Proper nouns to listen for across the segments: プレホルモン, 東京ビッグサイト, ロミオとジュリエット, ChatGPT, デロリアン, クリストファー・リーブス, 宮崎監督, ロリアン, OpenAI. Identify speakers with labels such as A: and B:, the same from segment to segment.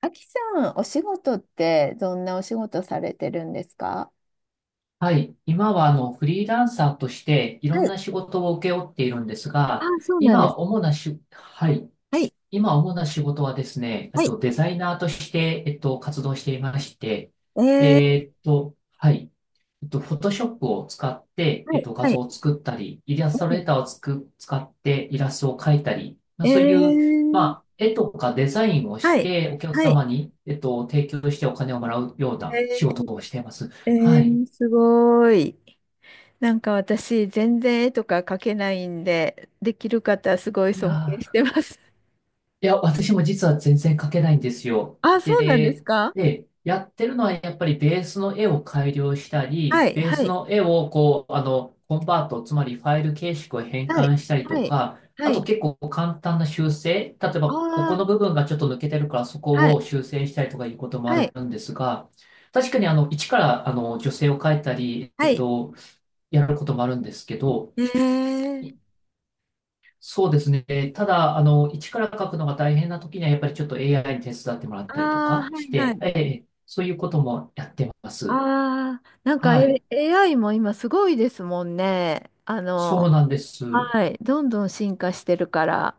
A: あきさん、お仕事ってどんなお仕事されてるんですか？
B: はい。今は、あの、フリーランサーとして、いろ
A: は
B: んな
A: い。
B: 仕事を請け負っているんです
A: あ
B: が、
A: あ、そうなんで
B: 今、
A: す。
B: 主なし、はい。
A: はい。
B: 今、主な仕事はですね、
A: はい。
B: デザイナーとして、活動していまして、
A: えー、
B: はい。フォトショップを使って、
A: はい。
B: 画
A: は
B: 像
A: い。
B: を作ったり、イラストレーターを使ってイラストを描いたり、まあ、
A: えー、え
B: そういう、まあ、
A: ー
B: 絵とかデザインを
A: は
B: し
A: い。
B: て、お客
A: はい。
B: 様に、提供してお金をもらうような
A: え
B: 仕事をしています。はい。
A: すごーい。なんか私、全然絵とか描けないんで、できる方、すごい
B: いや
A: 尊敬し
B: ー、
A: てます。
B: いや、私も実は全然描けないんですよ。
A: ああ、そうなんです
B: で、
A: か？
B: やってるのはやっぱりベースの絵を改良した
A: は
B: り、
A: い。
B: ベー
A: は
B: ス
A: い。
B: の絵をこう、あの、コンバート、つまりファイル形式を変
A: はい。
B: 換したり
A: は
B: と
A: い。
B: か、
A: は
B: あと
A: い。
B: 結構簡単な修正、例えばこ
A: あ
B: この
A: あ、
B: 部分がちょっと抜けてるからそ
A: は
B: こ
A: い。
B: を修正したりとかいうことも
A: は
B: あ
A: い。
B: るんですが、確かにあの、一からあの、女性を描いたり、
A: はい。
B: やることもあるんですけど、
A: えー、
B: そうですね。ただ、あの、一から書くのが大変な時には、やっぱりちょっと AI に手伝ってもらっ
A: あ
B: たりと
A: あ、
B: か
A: は
B: し
A: い。は
B: て、え
A: い。
B: え、そういうこともやってます。
A: ああ、なんか、
B: はい。
A: AI も今すごいですもんね。
B: そうなんです。
A: はい、どんどん進化してるから。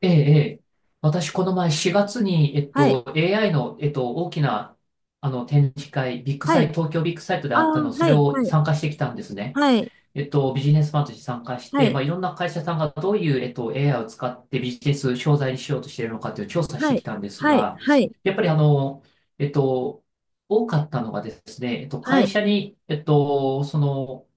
B: ええ、ええ。私、この前4月に、
A: はい、
B: AI の、大きな、あの、展示会、ビッグ
A: は
B: サイ
A: い、
B: ト、東京ビッグサイトで
A: あ
B: あ
A: あ、
B: ったの、そ
A: は
B: れ
A: い、は
B: を
A: い、
B: 参加してきたんですね。
A: はい、
B: ビジネスファンとして参加し
A: は
B: て、
A: い、
B: まあ、いろんな会社さんがどういう、AI を使ってビジネス商材にしようとしているのかという調査し
A: は
B: てき
A: い、
B: たんです
A: はい、
B: が、
A: はい、
B: やっぱりあの、えっと、多かったのがですね、
A: は
B: 会
A: い、
B: 社に、その、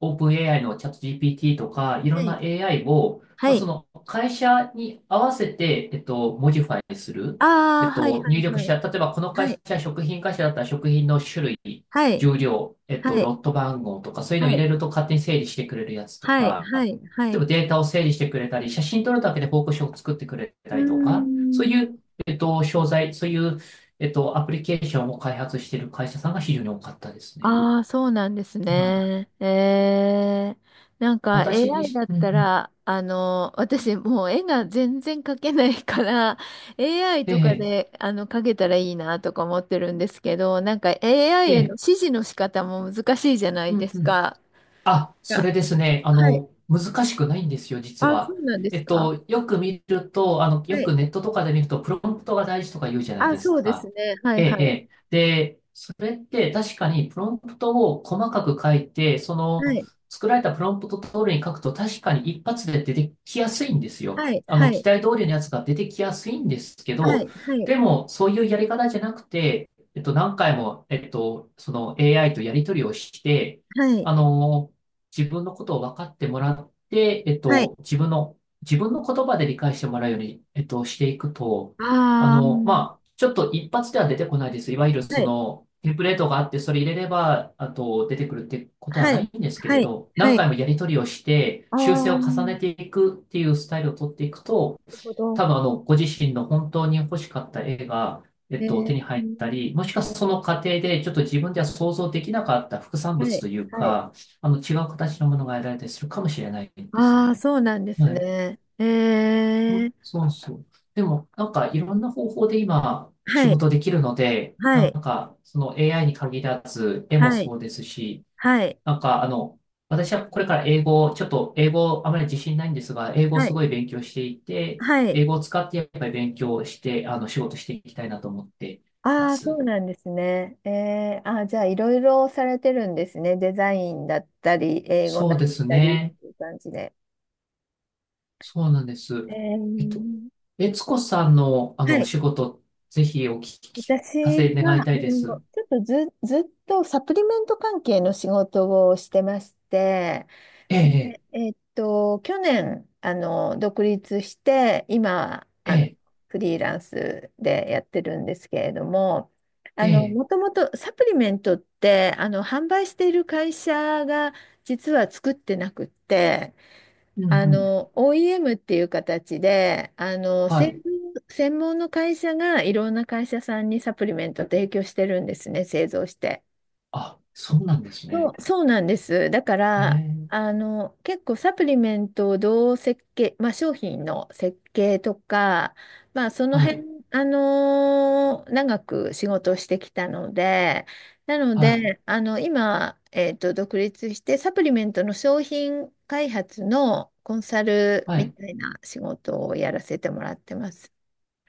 B: オープン AI のチャット GPT とか、い
A: は
B: ろん
A: い、
B: な AI を、
A: は
B: まあ、そ
A: い。
B: の会社に合わせて、モジファイする。
A: ああ、はい、は
B: 入
A: い、
B: 力し
A: はい、
B: た、例えばこの会
A: はい、
B: 社、食品会社だったら食品の種類、
A: はい、
B: 重量、
A: はい、
B: ロット番号とか、そういうの
A: は
B: を入
A: い、
B: れると勝手に整理してくれるやつと
A: はい、
B: か、
A: はい、は
B: 例え
A: い、
B: ばデータを整理してくれたり、写真撮るだけで報告書を作ってくれた
A: う
B: りとか、そう
A: ーん。
B: いう、商材、そういう、アプリケーションを開発している会社さんが非常に多かったですね。
A: ああ、そうなんです
B: はい。
A: ね。ええ、なんか
B: 私
A: AI
B: 自
A: だっ
B: 身、う
A: た
B: ん、
A: ら、私もう絵が全然描けないから、AI
B: え
A: とか
B: え、
A: で、描けたらいいなとか思ってるんですけど、なんか
B: え
A: AI への
B: え、
A: 指示の仕方も難しいじゃない
B: う
A: で
B: ん、
A: す
B: うん。
A: か。
B: あ、そ
A: が
B: れですね。あ
A: はい。
B: の、難しくないんですよ、実
A: あ、そ
B: は。
A: うなんですか。
B: よく見ると、あの、
A: は
B: よ
A: い。
B: くネットとかで見ると、プロンプトが大事とか言うじゃない
A: あ、
B: です
A: そうです
B: か。
A: ね。は
B: え
A: いはい。
B: え、ええ。で、それって確かにプロンプトを細かく書いて、そ
A: は
B: の、
A: い。
B: 作られたプロンプト通りに書くと確かに一発で出てきやすいんですよ。
A: はい。
B: あ
A: は
B: の、期
A: い。
B: 待通りのやつが出てきやすいんですけ
A: は
B: ど、
A: い。はい。
B: でも、そういうやり方じゃなくて、何回も、その AI とやり取りをして、
A: はい。
B: あの、自分のことを分かってもらって、
A: はい。
B: 自分の言葉で理解してもらうように、していくと、あ
A: ああ。
B: の、まあ、ちょっと一発では出てこないです。いわゆる
A: は
B: そ
A: い。
B: の、テンプレートがあって、それ入れれば、あと、出てくるってことは
A: は
B: ない
A: い。
B: んですけ
A: は
B: れ
A: い。
B: ど、
A: は
B: 何回
A: い。
B: もやり取りをして、
A: あ
B: 修正
A: あ、
B: を重ね
A: な
B: ていくっていうスタイルを取っていくと、
A: るほど。
B: 多分あの、ご自身の本当に欲しかった絵が、
A: えー、
B: 手に入ったり、もしくはその過程でちょっと自分では想像できなかった副産
A: は
B: 物
A: い、
B: という
A: はい。
B: か、あの、違う形のものが得られたりするかもしれないです
A: ああ、
B: ね。
A: そうなんです
B: はい。
A: ね。
B: うん、
A: ー、
B: そうそう。でも、なんかいろんな方法で今、仕
A: はい、
B: 事できるので、
A: は
B: なん
A: い、
B: か、その AI に限らず、絵も
A: はい、
B: そうですし、
A: はい、
B: なんか、あの、私はこれから英語を、ちょっと英語あまり自信ないんですが、英語を
A: は
B: す
A: い、
B: ごい勉強していて、
A: はい。
B: 英語を使ってやっぱり勉強して、あの、仕事していきたいなと思ってま
A: ああ、そ
B: す。
A: うなんですね。じゃあ、いろいろされてるんですね。デザインだったり、英語
B: そ
A: だ
B: う
A: っ
B: です
A: たりっ
B: ね。
A: ていう感じで。
B: そうなんです。
A: え
B: えっと、
A: ー、
B: 悦子さんの、あ
A: は
B: の、お
A: い。
B: 仕事、ぜひお聞き聞
A: 私
B: かせ願
A: は、
B: いたいです。
A: ちょっとずっとサプリメント関係の仕事をしてまして、
B: ええ、
A: で去年、独立して、今、
B: ええ、
A: フリーランスでやってるんですけれども、
B: ええ、
A: もともとサプリメントって、販売している会社が実は作ってなくって、
B: うん、うん。
A: OEM っていう形で、
B: は
A: 専
B: い。
A: 門専門の会社がいろんな会社さんにサプリメント提供してるんですね、製造して。
B: あ、そうなんです
A: そ
B: ね。
A: う、そうなんです。だか
B: え
A: ら、
B: え、
A: 結構サプリメントをどう設計、まあ、商品の設計とか、まあ、その
B: は
A: 辺、
B: い、
A: 長く仕事をしてきたので、なの
B: はい、
A: で、今、独立して、サプリメントの商品開発のコンサル
B: は
A: み
B: い。
A: たいな仕事をやらせてもらってます。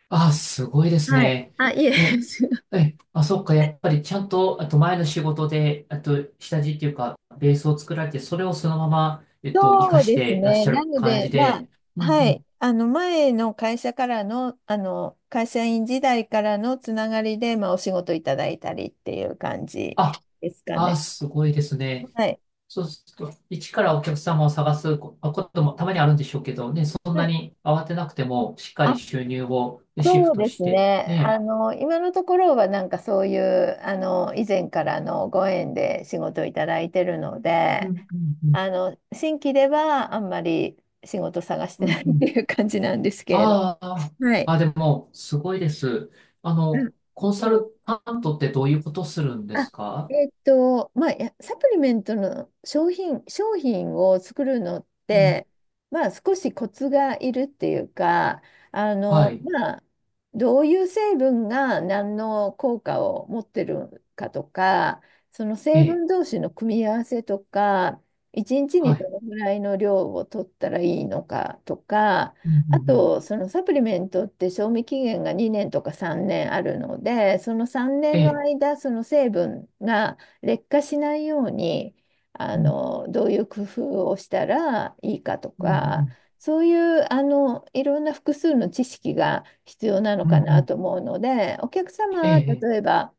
B: あ、すごいです
A: はい。
B: ね。
A: あ、いえ。
B: え、え、あ、そっか、やっぱりちゃんと、あと前の仕事で、あと下地っていうか、ベースを作られて、それをそのまま、活か
A: そう
B: し
A: です
B: てらっし
A: ね。
B: ゃ
A: な
B: る
A: の
B: 感
A: で、
B: じ
A: まあ、
B: で、うん、う
A: は
B: ん。
A: い。前の会社からの、会社員時代からのつながりで、まあ、お仕事いただいたりっていう感じ
B: あ、
A: ですか
B: あ、
A: ね。
B: すごいですね。
A: はい。
B: そうすると、一からお客様を探すここともたまにあるんでしょうけど、ね、そん
A: は
B: な
A: い。
B: に慌てなくても、しっかり
A: あ、
B: 収入をねシフ
A: そう
B: ト
A: で
B: し
A: す
B: て、
A: ね。
B: ね。
A: 今のところは、なんかそういう、以前からのご縁で仕事をいただいてるの
B: うん、
A: で、
B: うん、うん。
A: 新規ではあんまり仕事探して
B: う
A: ない
B: ん、う
A: って
B: ん。
A: いう感じなんですけれ
B: ああ、
A: ど。はい。
B: あ、でも、すごいです。あ
A: う
B: の、
A: ん、
B: コンサルタントってどういうことするんです
A: あ、
B: か？
A: まあ、いやサプリメントの商品を作るのっ
B: うん。
A: て、まあ、少しコツがいるっていうか、
B: はい。
A: まあ、どういう成分が何の効果を持ってるかとか、その
B: え
A: 成
B: え。
A: 分同士の組み合わせとか、一日
B: は
A: にちにど
B: い。
A: のぐらいの量を取ったらいいのかとか、
B: うん、う
A: あ
B: ん、うん。
A: と、そのサプリメントって賞味期限が2年とか3年あるので、その3
B: え
A: 年の
B: え。
A: 間、その成分が劣化しないように、
B: うん、
A: どういう工夫をしたらいいかと
B: うん、う
A: か、
B: ん。
A: そういう、いろんな複数の知識が必要なの
B: うん、
A: か
B: う
A: な
B: ん。
A: と思うので、お客
B: え
A: 様、
B: え。
A: 例えば、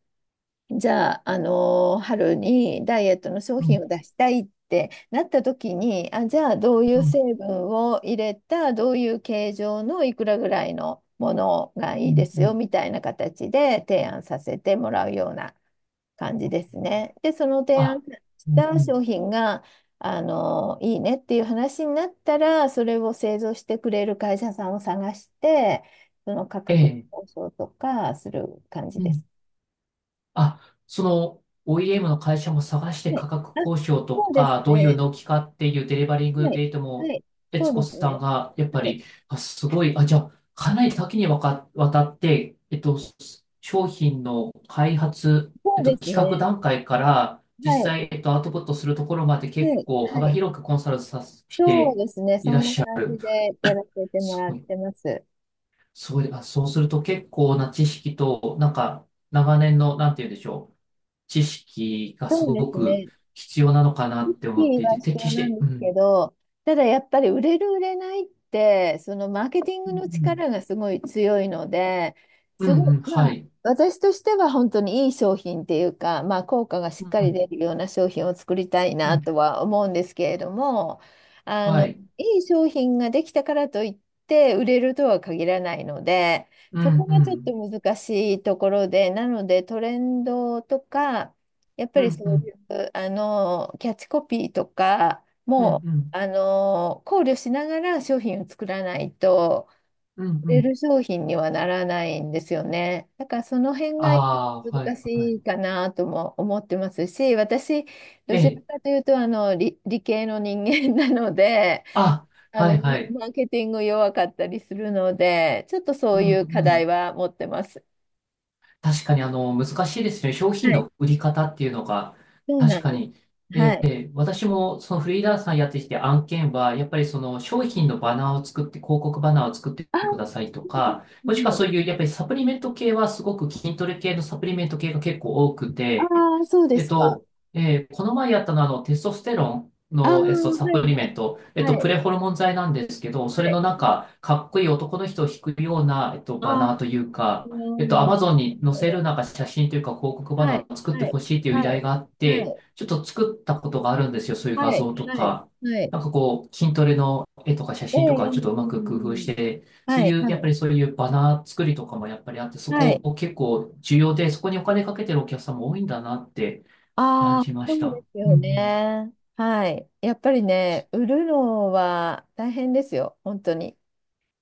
A: じゃあ、春にダイエットの商
B: う
A: 品を
B: ん、
A: 出したいってなった時に、あ、じゃあどうい
B: う
A: う
B: ん、
A: 成分を入れた、どういう形状のいくらぐらいのものが
B: う
A: いいで
B: ん、
A: す
B: う
A: よ
B: ん。
A: みたいな形で提案させてもらうような感じですね。で、その提案
B: あ、
A: し
B: うん、
A: た
B: う
A: 商
B: ん。
A: 品が、いいねっていう話になったら、それを製造してくれる会社さんを探して、その価
B: え
A: 格
B: え。
A: 交渉とかする感じ
B: う
A: です。
B: ん。あ、その OEM の会社も探して
A: はい。
B: 価格
A: あ、
B: 交渉と
A: そうです
B: か、どういう
A: ね。
B: 納期かっていうデリバリング
A: はい。
B: デート
A: は
B: も、
A: い。そ
B: 悦
A: う
B: 子
A: です
B: さん
A: ね。
B: がやっぱ
A: はい。
B: り、あ、すごい、あ、じゃあ、かなり多岐にわたって、商品の開発、
A: そうです
B: 企画
A: ね。
B: 段階から、
A: は
B: 実
A: い。
B: 際、アウトプットするところまで
A: は
B: 結
A: い。
B: 構幅
A: はい。
B: 広くコンサルさせ
A: そう
B: て
A: ですね。
B: い
A: そ
B: ら
A: ん
B: っ
A: な
B: しゃる。
A: 感じでやらせても
B: す
A: ら
B: ご
A: っ
B: い、
A: てます。
B: すごい、あ、そうすると結構な知識と、なんか、長年の、なんて言うんでしょう。知識がす
A: そうで
B: ご
A: す
B: く
A: ね。
B: 必要なのかな
A: き
B: って思っ
A: り
B: てい
A: は
B: て、
A: 必
B: て
A: 要
B: 決し
A: なん
B: て、
A: で
B: う
A: すけ
B: ん、
A: ど、ただやっぱり売れる売れないって、そのマーケティン
B: う
A: グの
B: ん、
A: 力がすごい強いので、
B: う
A: す
B: ん、
A: ご
B: うん、
A: い、
B: は
A: まあ、
B: い、
A: 私としては本当にいい商品っていうか、まあ、効果がしっ
B: う
A: かり
B: ん、
A: 出るような商品を作りたい
B: う
A: な
B: ん、
A: とは思うんですけれども、
B: はい、
A: いい商品ができたからといって売れるとは限らないので、
B: う
A: そ
B: ん、
A: こ
B: う
A: がちょっと
B: ん、
A: 難しいところで、なのでトレンドとか、やっぱ
B: う
A: り
B: ん、う
A: そ
B: ん、
A: う、キャッチコピーとか
B: うん、
A: も
B: うん、
A: 考慮しながら商品を作らないと
B: うん、
A: 売
B: う
A: れ
B: ん、
A: る商品にはならないんですよね。だからその辺が
B: ああ、は
A: 難
B: い、は
A: し
B: い、
A: いかなとも思ってますし、私
B: え
A: どちら
B: え、
A: かというと理系の人間なので、
B: あ、
A: あ
B: は
A: の
B: い、
A: マ
B: はい、
A: マーケティング弱かったりするので、ちょっとそ
B: う
A: う
B: ん、
A: いう課
B: う
A: 題
B: ん、
A: は持ってます。
B: 確かにあの難しいですね。商品
A: はい、
B: の売り方っていうのが、
A: そうな
B: 確
A: ん
B: か
A: です。
B: に、
A: はい。
B: 私もそのフリーランスさんやってきて案件は、やっぱりその商品のバナーを作って、広告バナーを作って
A: あ、は
B: くださいとか、
A: い
B: もしくは
A: はい、
B: そういうやっぱりサプリメント系はすごく筋トレ系のサプリメント系が結構多く
A: あ
B: て、
A: ー、そうで
B: えっ
A: すか。
B: と、この前やったのはあのテストステロン
A: ああ、は
B: の、サプ
A: い
B: リメント、
A: はい。は
B: プ
A: い。
B: レホルモン剤なんですけど、
A: は
B: それ
A: い。
B: のなんか、かっこいい男の人を引くような、
A: あ
B: バ
A: あ、
B: ナーというか、
A: うん、な
B: ア
A: る
B: マ
A: ほ
B: ゾン
A: ど、
B: に載
A: なるほ
B: せる
A: ど。
B: なんか写真というか広告バ
A: は
B: ナ
A: い、
B: ーを作って
A: はい、
B: ほしいという依
A: は
B: 頼
A: い、
B: があっ
A: は
B: て、
A: い、
B: ちょっと作ったことがあるんですよ。そういう画
A: はい、
B: 像と
A: はい、はい。
B: か。
A: ええ、
B: なんかこう、筋トレの絵とか写
A: ええ、
B: 真とかをちょっとう
A: えええ
B: まく工夫し
A: え、
B: て、そう
A: はい、
B: いう、やっ
A: は
B: ぱ
A: い、
B: りそういうバナー作りとかもやっぱりあって、そ
A: は
B: こ
A: い。
B: を結構重要で、そこにお金かけてるお客さんも多いんだなって感
A: ああ、
B: じま
A: そ
B: し
A: うで
B: た。
A: す
B: うん、
A: よ
B: うん。
A: ね。はい。やっぱりね、売るのは大変ですよ、本当に。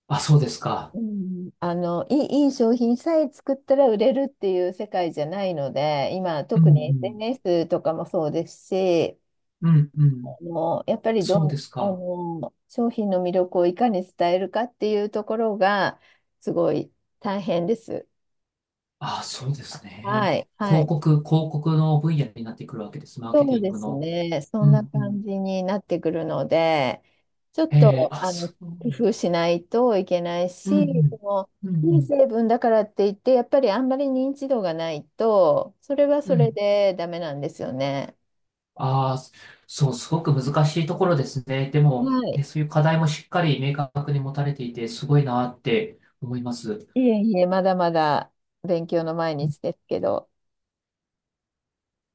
B: あ、そうですか。
A: うん、いい商品さえ作ったら売れるっていう世界じゃないので、今、
B: うん、う
A: 特に
B: ん。
A: SNS とかもそうですし、
B: うん、うん。
A: やっぱり
B: そうですか。
A: 商品の魅力をいかに伝えるかっていうところが、すごい大変です。
B: ああ、そうです
A: は
B: ね。
A: い、はい。
B: 広告の分野になってくるわけです。マーケ
A: そ
B: テ
A: う
B: ィン
A: で
B: グ
A: す
B: の。
A: ね。そ
B: う
A: んな
B: ん、う
A: 感
B: ん。
A: じになってくるので、ちょっ
B: え
A: と、
B: ー、あ、そう。
A: 工夫しないといけない
B: うん、う
A: し、そ
B: ん。うん、
A: の、
B: う
A: いい
B: ん。
A: 成分だからって言って、やっぱりあんまり認知度がないと、それは
B: う
A: それ
B: ん。
A: でダメなんですよね。
B: ああ、そう、すごく難しいところですね。でも、
A: はい。
B: え、そういう課題もしっかり明確に持たれていて、すごいなって思います。
A: いえいえ、まだまだ勉強の毎日ですけど。